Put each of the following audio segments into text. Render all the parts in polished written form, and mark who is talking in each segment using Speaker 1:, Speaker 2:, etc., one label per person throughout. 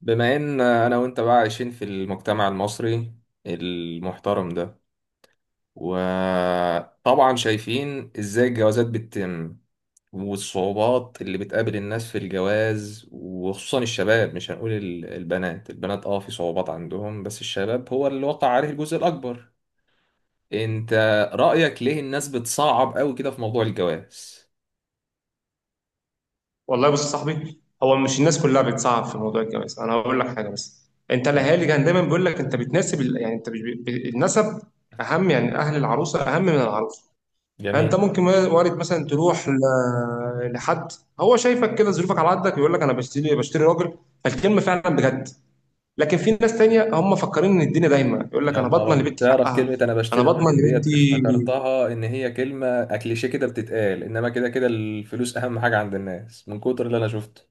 Speaker 1: بما ان انا وانت بقى عايشين في المجتمع المصري المحترم ده، وطبعا شايفين ازاي الجوازات بتتم والصعوبات اللي بتقابل الناس في الجواز، وخصوصا الشباب. مش هنقول البنات، في صعوبات عندهم، بس الشباب هو اللي وقع عليه الجزء الاكبر. انت رأيك ليه الناس بتصعب قوي كده في موضوع الجواز؟
Speaker 2: والله بص يا صاحبي، هو مش الناس كلها بتصعب في موضوع الجواز. انا هقول لك حاجه بس. انت الاهالي كان دايما بيقول لك انت بتناسب يعني انت مش النسب اهم، يعني اهل العروسه اهم من العروسه. فانت
Speaker 1: جميل.
Speaker 2: ممكن وارد مثلا تروح لحد هو شايفك كده ظروفك على قدك، يقول لك انا بشتري راجل، فالكلمه فعلا بجد. لكن في ناس تانية هم مفكرين ان الدنيا دايما، يقول لك
Speaker 1: يا
Speaker 2: انا
Speaker 1: نهار
Speaker 2: بضمن
Speaker 1: أبيض،
Speaker 2: لبنتي
Speaker 1: تعرف
Speaker 2: حقها،
Speaker 1: كلمة أنا
Speaker 2: انا
Speaker 1: بشتري
Speaker 2: بضمن
Speaker 1: الراجل ديت
Speaker 2: لبنتي.
Speaker 1: افتكرتها إن هي كلمة كليشيه كده بتتقال، إنما كده كده الفلوس أهم حاجة عند الناس، من كتر اللي أنا شفته.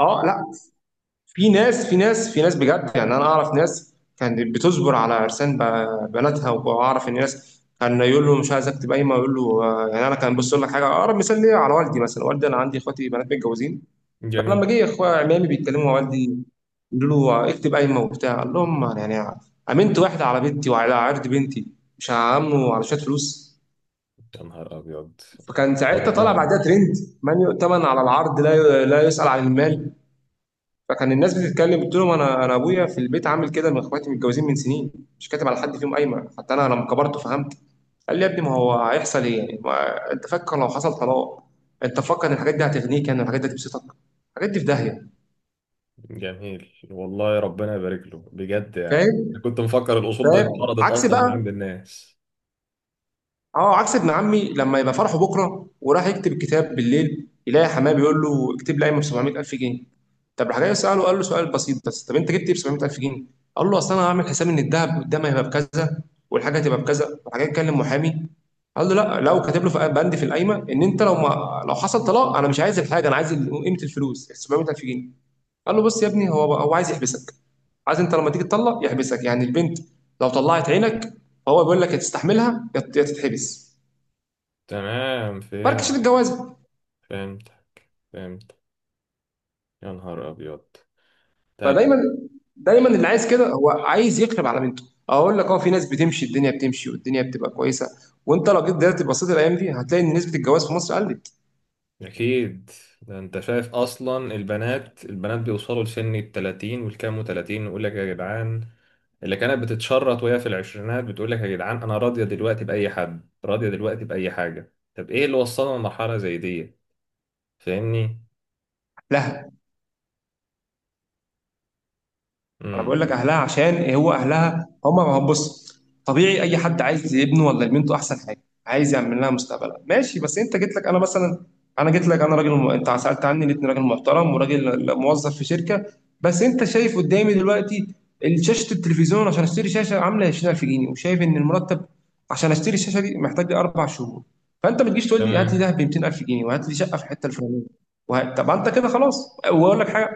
Speaker 2: اه لا، في ناس، في ناس، في ناس بجد يعني، انا اعرف ناس كانت بتصبر على عرسان بناتها، واعرف ان ناس كان يقول له مش عايز اكتب قايمه، يقول له آه، يعني انا كان بص لك حاجه، اقرب مثال ليا على والدي مثلا. والدي انا عندي اخواتي بنات متجوزين، فلما
Speaker 1: جميل.
Speaker 2: جه اخويا عمامي بيتكلموا مع والدي، يقولوا له آه، اكتب قايمه وبتاع، قال لهم يعني امنت واحده على بنتي وعلى عرض بنتي، مش هعمله على شويه فلوس.
Speaker 1: يا نهار أبيض. والله
Speaker 2: فكان ساعتها
Speaker 1: ربنا
Speaker 2: طالع
Speaker 1: يبارك
Speaker 2: بعدها
Speaker 1: له.
Speaker 2: ترند، من يؤتمن على العرض لا لا يسأل عن المال. فكان الناس بتتكلم قلت لهم انا ابويا في البيت عامل كده، من اخواتي متجوزين من سنين مش كاتب على حد فيهم قايمه. حتى انا لما كبرت فهمت، قال لي يا ابني ما هو هيحصل ايه يعني، ما انت فكر لو حصل طلاق، انت فكر ان الحاجات دي هتغنيك يعني، الحاجات دي هتبسطك؟ الحاجات دي في داهيه.
Speaker 1: جميل والله ربنا يبارك له بجد. يعني أنا
Speaker 2: فاهم؟
Speaker 1: كنت مفكر الأصول ده
Speaker 2: فاهم
Speaker 1: اتقرضت
Speaker 2: عكس
Speaker 1: أصلا من
Speaker 2: بقى.
Speaker 1: عند الناس.
Speaker 2: اه عكس ابن عمي، لما يبقى فرحه بكره وراح يكتب الكتاب بالليل، يلاقي حماه بيقول له اكتب لي قايمه ب 700,000 جنيه. طب راح جاي ساله، قال له سؤال بسيط بس، طب انت جبت ايه ب 700,000 جنيه؟ قال له اصل انا هعمل حساب ان الذهب قدام هيبقى بكذا والحاجه هتبقى بكذا. راح جاي يتكلم محامي، قال له لا، لو كاتب له في بند في القايمه ان انت لو ما لو حصل طلاق، انا مش عايز الحاجه، انا عايز قيمه الفلوس 700,000 جنيه. قال له بص يا ابني، هو عايز يحبسك، عايز انت لما تيجي تطلق يحبسك يعني، البنت لو طلعت عينك هو بيقول لك يا تستحملها يا تتحبس.
Speaker 1: تمام، فهمت.
Speaker 2: فركش الجواز.
Speaker 1: فهمت. فهمت. يا نهار أبيض.
Speaker 2: فدايما
Speaker 1: طب.
Speaker 2: دايما اللي عايز كده هو عايز يقلب على بنته. اقول لك اه، في ناس بتمشي الدنيا بتمشي والدنيا بتبقى كويسه. وانت لو جيت دلوقتي بصيت الايام دي، هتلاقي ان نسبه الجواز في مصر قلت.
Speaker 1: أكيد. ده أنت شايف أصلا البنات بيوصلوا لسن التلاتين والكام وتلاتين، ويقول لك يا جدعان اللي كانت بتتشرط وهي في العشرينات بتقول لك يا جدعان أنا راضية دلوقتي بأي حد، راضية دلوقتي بأي حاجة. طب إيه اللي وصلنا لمرحلة زي دي؟ فاهمني؟
Speaker 2: لا انا بقول لك
Speaker 1: امم
Speaker 2: اهلها، عشان هو اهلها هم. ما هو بص، طبيعي اي حد عايز ابنه ولا بنته احسن حاجه، عايز يعمل لها مستقبلها ماشي. بس انت جيت لك انا مثلا، انا جيت لك انا راجل انت سالت عني لقيتني راجل محترم وراجل موظف في شركه، بس انت شايف قدامي دلوقتي شاشه التلفزيون، عشان اشتري شاشه عامله 20,000 جنيه وشايف ان المرتب عشان اشتري الشاشه دي محتاج لي اربع شهور. فانت ما تجيش تقول لي هات لي
Speaker 1: تمام.
Speaker 2: ده ب 200,000 جنيه وهات لي شقه في الحته الفلانيه. طب انت كده خلاص. واقول لك حاجه،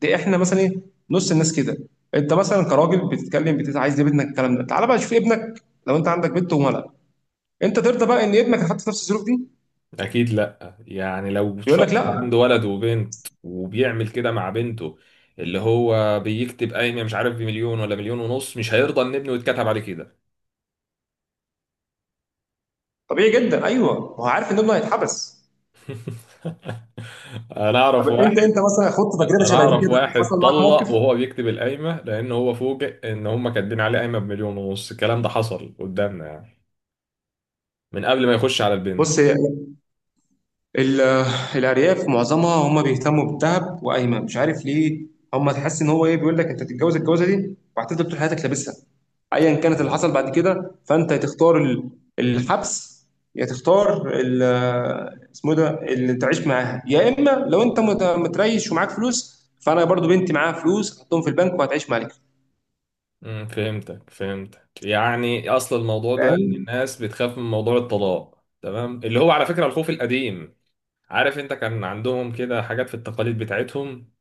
Speaker 2: دي احنا مثلا ايه، نص الناس كده. انت مثلا كراجل بتتكلم بتت عايز يا ابنك الكلام ده، تعالى بقى شوف ابنك. لو انت عندك بنت وولد، انت ترضى بقى ان ابنك يتحط في نفس الظروف دي؟
Speaker 1: أكيد لأ، يعني لو
Speaker 2: يقول لك
Speaker 1: شخص
Speaker 2: لا.
Speaker 1: عنده ولد وبنت وبيعمل كده مع بنته، اللي هو بيكتب قايمة مش عارف بمليون ولا مليون ونص، مش هيرضى إن ابنه يتكتب عليه كده.
Speaker 2: طبيعي جدا، ايوه، ما هو عارف ان ابنه هيتحبس.
Speaker 1: انا
Speaker 2: طب
Speaker 1: اعرف
Speaker 2: انت
Speaker 1: واحد
Speaker 2: انت مثلا خدت تجربه
Speaker 1: انا
Speaker 2: شبه دي
Speaker 1: اعرف
Speaker 2: كده،
Speaker 1: واحد
Speaker 2: حصل معاك موقف؟
Speaker 1: طلق وهو بيكتب القايمه، لان هو فوجئ ان هم كاتبين عليه قايمه بمليون ونص. الكلام ده حصل قدامنا يعني، من قبل ما يخش على البنت.
Speaker 2: بص هي ال- الأرياف معظمها هم بيهتموا بالذهب وقايمة مش عارف ليه. هم تحس إن هو إيه، بيقول لك أنت تتجوز الجوازة دي وهتفضل طول حياتك لابسها، أيا كانت
Speaker 1: يا
Speaker 2: اللي
Speaker 1: نهار
Speaker 2: حصل
Speaker 1: أبيض.
Speaker 2: بعد كده. فأنت هتختار الحبس، يا تختار اسمه إيه ده اللي تعيش معاها، يا إما لو أنت متريش ومعاك فلوس، فأنا برضو بنتي معاها فلوس هحطهم في البنك وهتعيش معاك.
Speaker 1: فهمتك، فهمتك. يعني اصل الموضوع ده ان
Speaker 2: فاهم؟
Speaker 1: الناس بتخاف من موضوع الطلاق، تمام، اللي هو على فكره الخوف القديم. عارف انت، كان عندهم كده حاجات في التقاليد بتاعتهم،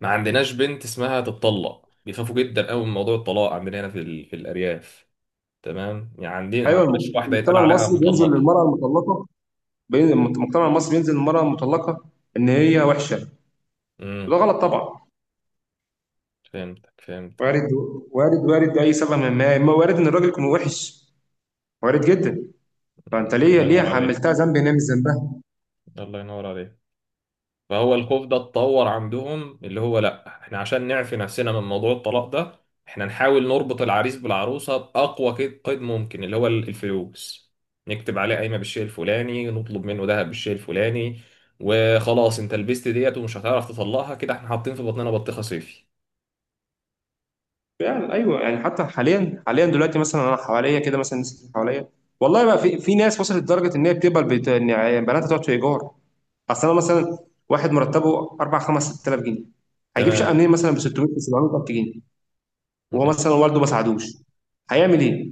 Speaker 1: ما عندناش بنت اسمها تتطلق. بيخافوا جدا قوي من موضوع الطلاق عندنا هنا في في الارياف. تمام، يعني عندي ما
Speaker 2: أيوه،
Speaker 1: عندناش واحدة يتقال
Speaker 2: المجتمع
Speaker 1: عليها
Speaker 2: المصري بينزل
Speaker 1: مطلقة.
Speaker 2: للمرأة المطلقة، المجتمع المصري بينزل للمرأة المطلقة إن هي وحشة، وده
Speaker 1: امم
Speaker 2: غلط طبعا.
Speaker 1: فهمتك، فهمتك.
Speaker 2: وارد، وارد، وارد اي سبب، من ما ما وارد ان الراجل يكون وحش، وارد جدا.
Speaker 1: مم.
Speaker 2: فانت ليه،
Speaker 1: الله
Speaker 2: ليه
Speaker 1: ينور عليك.
Speaker 2: حملتها ذنب؟ هنا مش ذنبها.
Speaker 1: الله ينور عليك. فهو الخوف ده اتطور عندهم، اللي هو لا احنا عشان نعفي نفسنا من موضوع الطلاق ده، احنا نحاول نربط العريس بالعروسة بأقوى قيد، قيد ممكن اللي هو الفلوس. نكتب عليه قايمة بالشيء الفلاني، نطلب منه ذهب بالشيء الفلاني. وخلاص انت لبست ديت، ومش هتعرف تطلقها، كده احنا حاطين في بطننا بطيخة صيفي.
Speaker 2: يعني ايوه يعني، حتى حاليا، حاليا دلوقتي مثلا، انا حواليا كده مثلا الناس اللي حواليا، والله بقى في، ناس وصلت لدرجه ان هي بتقبل ان يعني بناتها تقعد في ايجار. اصل انا مثلا واحد مرتبه 4 5 6,000 جنيه، هيجيب شقه
Speaker 1: تمام.
Speaker 2: منين مثلا ب 600 700 جنيه؟ وهو مثلا والده ما ساعدوش، هيعمل ايه؟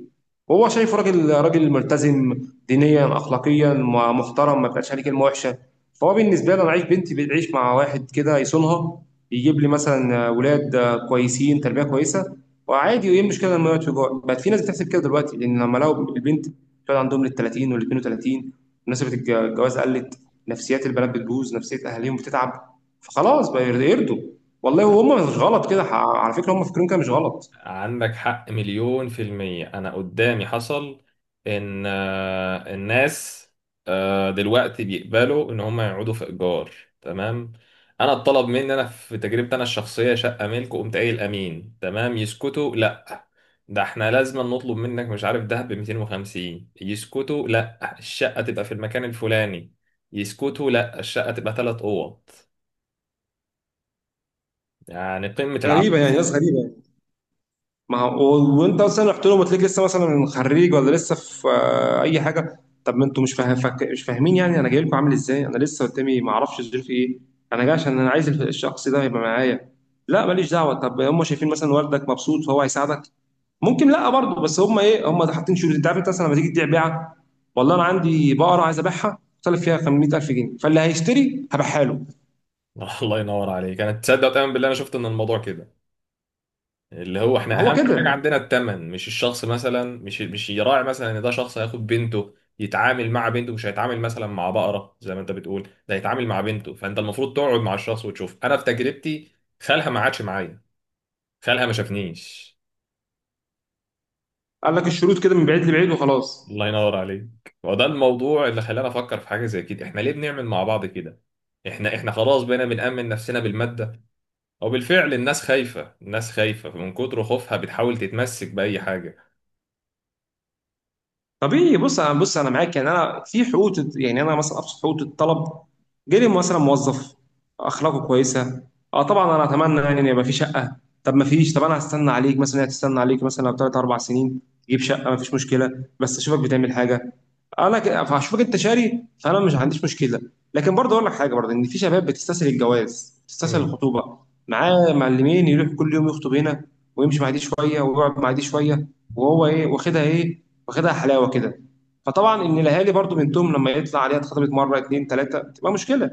Speaker 2: وهو شايفه راجل، راجل ملتزم دينيا اخلاقيا، محترم ما بقاش عليه كلمه وحشه. فهو بالنسبه لي انا عايز بنتي بتعيش مع واحد كده يصونها، يجيب لي مثلا ولاد كويسين تربيه كويسه، وعادي. وايه المشكله لما يقعد في جوع؟ بقت في ناس بتحسب كده دلوقتي، لان لما لقوا البنت بتقعد عندهم لل 30 وال 32، مناسبه الجواز قلت، نفسيات البنات بتبوظ، نفسيه اهاليهم بتتعب، فخلاص بقى يرضوا. والله وهم مش غلط كده، على فكره هم فاكرين كده مش غلط.
Speaker 1: عندك حق، مليون في المية. أنا قدامي حصل إن الناس دلوقتي بيقبلوا إن هم يقعدوا في إيجار. تمام. أنا اتطلب مني، أنا في تجربتي أنا الشخصية، شقة ملك. وقمت قايل أمين، تمام. يسكتوا؟ لأ، ده إحنا لازم نطلب منك مش عارف ده ب 250. يسكتوا؟ لأ، الشقة تبقى في المكان الفلاني. يسكتوا؟ لأ، الشقة تبقى 3 أوض. يعني قمة
Speaker 2: غريبه يعني،
Speaker 1: العبث.
Speaker 2: ناس غريبه يعني. ما هو وانت مثلا رحت لهم وتلاقيك لسه مثلا خريج، ولا لسه في اي حاجه، طب ما انتوا مش فاهم مش فاهمين يعني انا جاي لكم عامل ازاي. انا لسه قدامي ما اعرفش ظروفي ايه، انا جاي عشان انا عايز الشخص ده يبقى معايا. لا ماليش دعوه. طب هم شايفين مثلا والدك مبسوط فهو هيساعدك، ممكن. لا برضه، بس هم ايه، هم حاطين شروط. انت عارف انت مثلا لما تيجي تبيع بيعه، والله انا عندي بقره عايز ابيعها طالب فيها 500,000 جنيه، فاللي هيشتري هبيعها له.
Speaker 1: الله ينور عليك. أنا تصدق وتؤمن بالله، أنا شفت إن الموضوع كده، اللي هو احنا
Speaker 2: هو
Speaker 1: اهم حاجه
Speaker 2: كده،
Speaker 1: عندنا الثمن مش الشخص. مثلا مش يراعي مثلا ان ده شخص هياخد بنته، يتعامل مع بنته، مش هيتعامل مثلا مع بقره زي ما انت بتقول. ده هيتعامل مع بنته، فانت المفروض تقعد مع الشخص وتشوف. انا في تجربتي، خالها ما عادش معايا، خالها ما شافنيش.
Speaker 2: قال لك الشروط كده من بعيد لبعيد وخلاص.
Speaker 1: الله ينور عليك. وده الموضوع اللي خلاني افكر في حاجه زي كده، احنا ليه بنعمل مع بعض كده؟ احنا خلاص بقينا بنأمن نفسنا بالماده. وبالفعل الناس خايفه، الناس خايفه، من كتر خوفها بتحاول تتمسك بأي حاجه.
Speaker 2: طبيعي، بص انا، بص انا معاك يعني، انا في حقوق يعني، انا مثلا ابسط حقوق الطلب. جالي مثلا موظف، اخلاقه كويسه، اه طبعا انا اتمنى يعني ان يبقى في شقه. طب ما فيش؟ طب انا هستنى عليك مثلا، هي تستنى عليك مثلا بثلاث اربع سنين تجيب شقه، ما فيش مشكله، بس اشوفك بتعمل حاجه. فهشوفك انت شاري، فانا مش عنديش مشكله. لكن برضه اقول لك حاجه برضه، ان في شباب بتستسهل الجواز، بتستسهل
Speaker 1: امم
Speaker 2: الخطوبه. معاه معلمين، يروح كل يوم يخطب هنا، ويمشي مع دي شويه ويقعد مع دي شويه، وهو ايه واخدها، ايه واخدها حلاوه كده. فطبعا ان الاهالي برضه بنتهم لما يطلع عليها اتخطبت مره اتنين تلاته، بتبقى مشكله.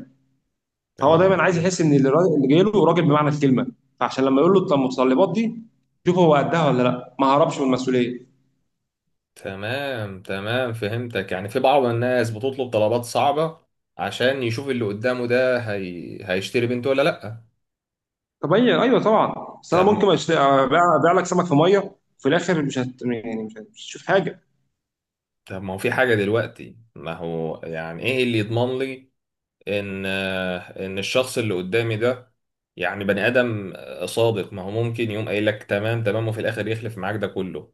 Speaker 2: فهو
Speaker 1: تمام،
Speaker 2: دايما عايز يحس ان اللي جاي له راجل بمعنى الكلمه. فعشان لما يقول له المتطلبات دي شوف هو قدها ولا لا، ما هربش من المسؤوليه.
Speaker 1: تمام، تمام، فهمتك. يعني في بعض الناس بتطلب طلبات صعبة عشان يشوف اللي قدامه ده هيشتري بنته ولا لأ.
Speaker 2: طب هي ايوه طبعا، بس انا
Speaker 1: طب
Speaker 2: ممكن ابيع، لك سمك في ميه، وفي الاخر مش هت... يعني مش هت- مش هتشوف حاجه.
Speaker 1: طب، ما هو في حاجة دلوقتي، ما هو يعني ايه اللي يضمن لي ان ان الشخص اللي قدامي ده يعني بني آدم صادق؟ ما هو ممكن يقوم قايل لك تمام، تمام، وفي الآخر يخلف معاك ده كله.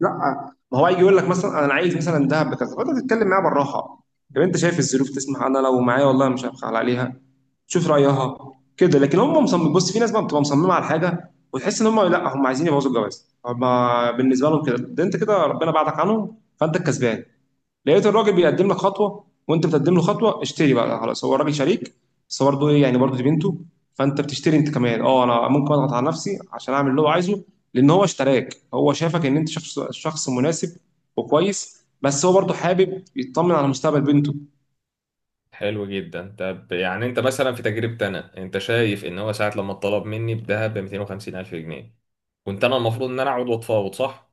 Speaker 2: لا آه، ما هو هيجي يقول لك مثلا انا عايز مثلا دهب بكذا، فانت تتكلم معاه بالراحه. طب انت شايف الظروف تسمح، انا لو معايا والله مش هبخل عليها، شوف رايها كده. لكن هم مصمم، بص في ناس بقى بتبقى مصممه على حاجه، وتحس ان هم لا، عايزين يبوظوا الجواز. هم بالنسبه لهم كده، ده انت كده ربنا بعدك عنهم، فانت الكسبان. لقيت الراجل بيقدم لك خطوه وانت بتقدم له خطوه، اشتري بقى خلاص، هو الراجل شريك. بس برضه ايه يعني، برضه دي بنته، فانت بتشتري انت كمان. اه انا ممكن اضغط على نفسي عشان اعمل اللي هو عايزه، لان هو اشتراك، هو شافك ان انت شخص، مناسب وكويس، بس هو برضه حابب يطمن على مستقبل بنته.
Speaker 1: حلو جدا. طب يعني انت مثلا في تجربتي انا، انت شايف ان هو ساعة لما اتطلب مني بذهب ب 250 الف جنيه، كنت انا المفروض ان انا اقعد واتفاوض، صح؟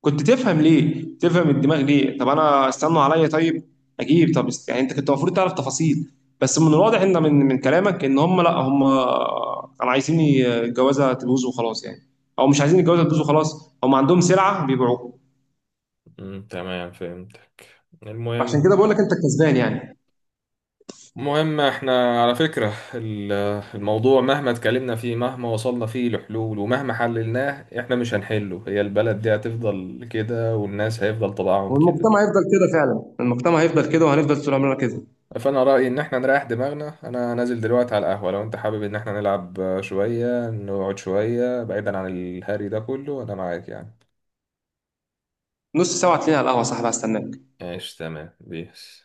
Speaker 2: كنت تفهم ليه، تفهم الدماغ ليه. طب انا استنوا عليا طيب اجيب. طب يعني انت كنت المفروض تعرف تفاصيل. بس من الواضح ان، من كلامك، ان هم لا، هم كانوا عايزين الجوازه تبوظ وخلاص يعني، او مش عايزين الجوازه تبوظ وخلاص، هم عندهم سلعه بيبيعوها.
Speaker 1: تمام، فهمت.
Speaker 2: عشان
Speaker 1: المهم
Speaker 2: كده بقول لك انت الكسبان يعني.
Speaker 1: المهم، احنا على فكرة الموضوع، مهما اتكلمنا فيه، مهما وصلنا فيه لحلول، ومهما حللناه، احنا مش هنحله. هي البلد دي هتفضل كده، والناس هيفضل طبعهم كده.
Speaker 2: والمجتمع هيفضل كده فعلا، المجتمع هيفضل كده، وهنفضل طول عمرنا كده.
Speaker 1: فانا رايي ان احنا نريح دماغنا. انا نازل دلوقتي على القهوه، لو انت حابب ان احنا نلعب شويه، نقعد شويه بعيدا عن الهري ده كله، انا معاك يعني.
Speaker 2: نص ساعه هتلاقيني على القهوه يا صاحبي، هستناك.
Speaker 1: ايش تمام بيس.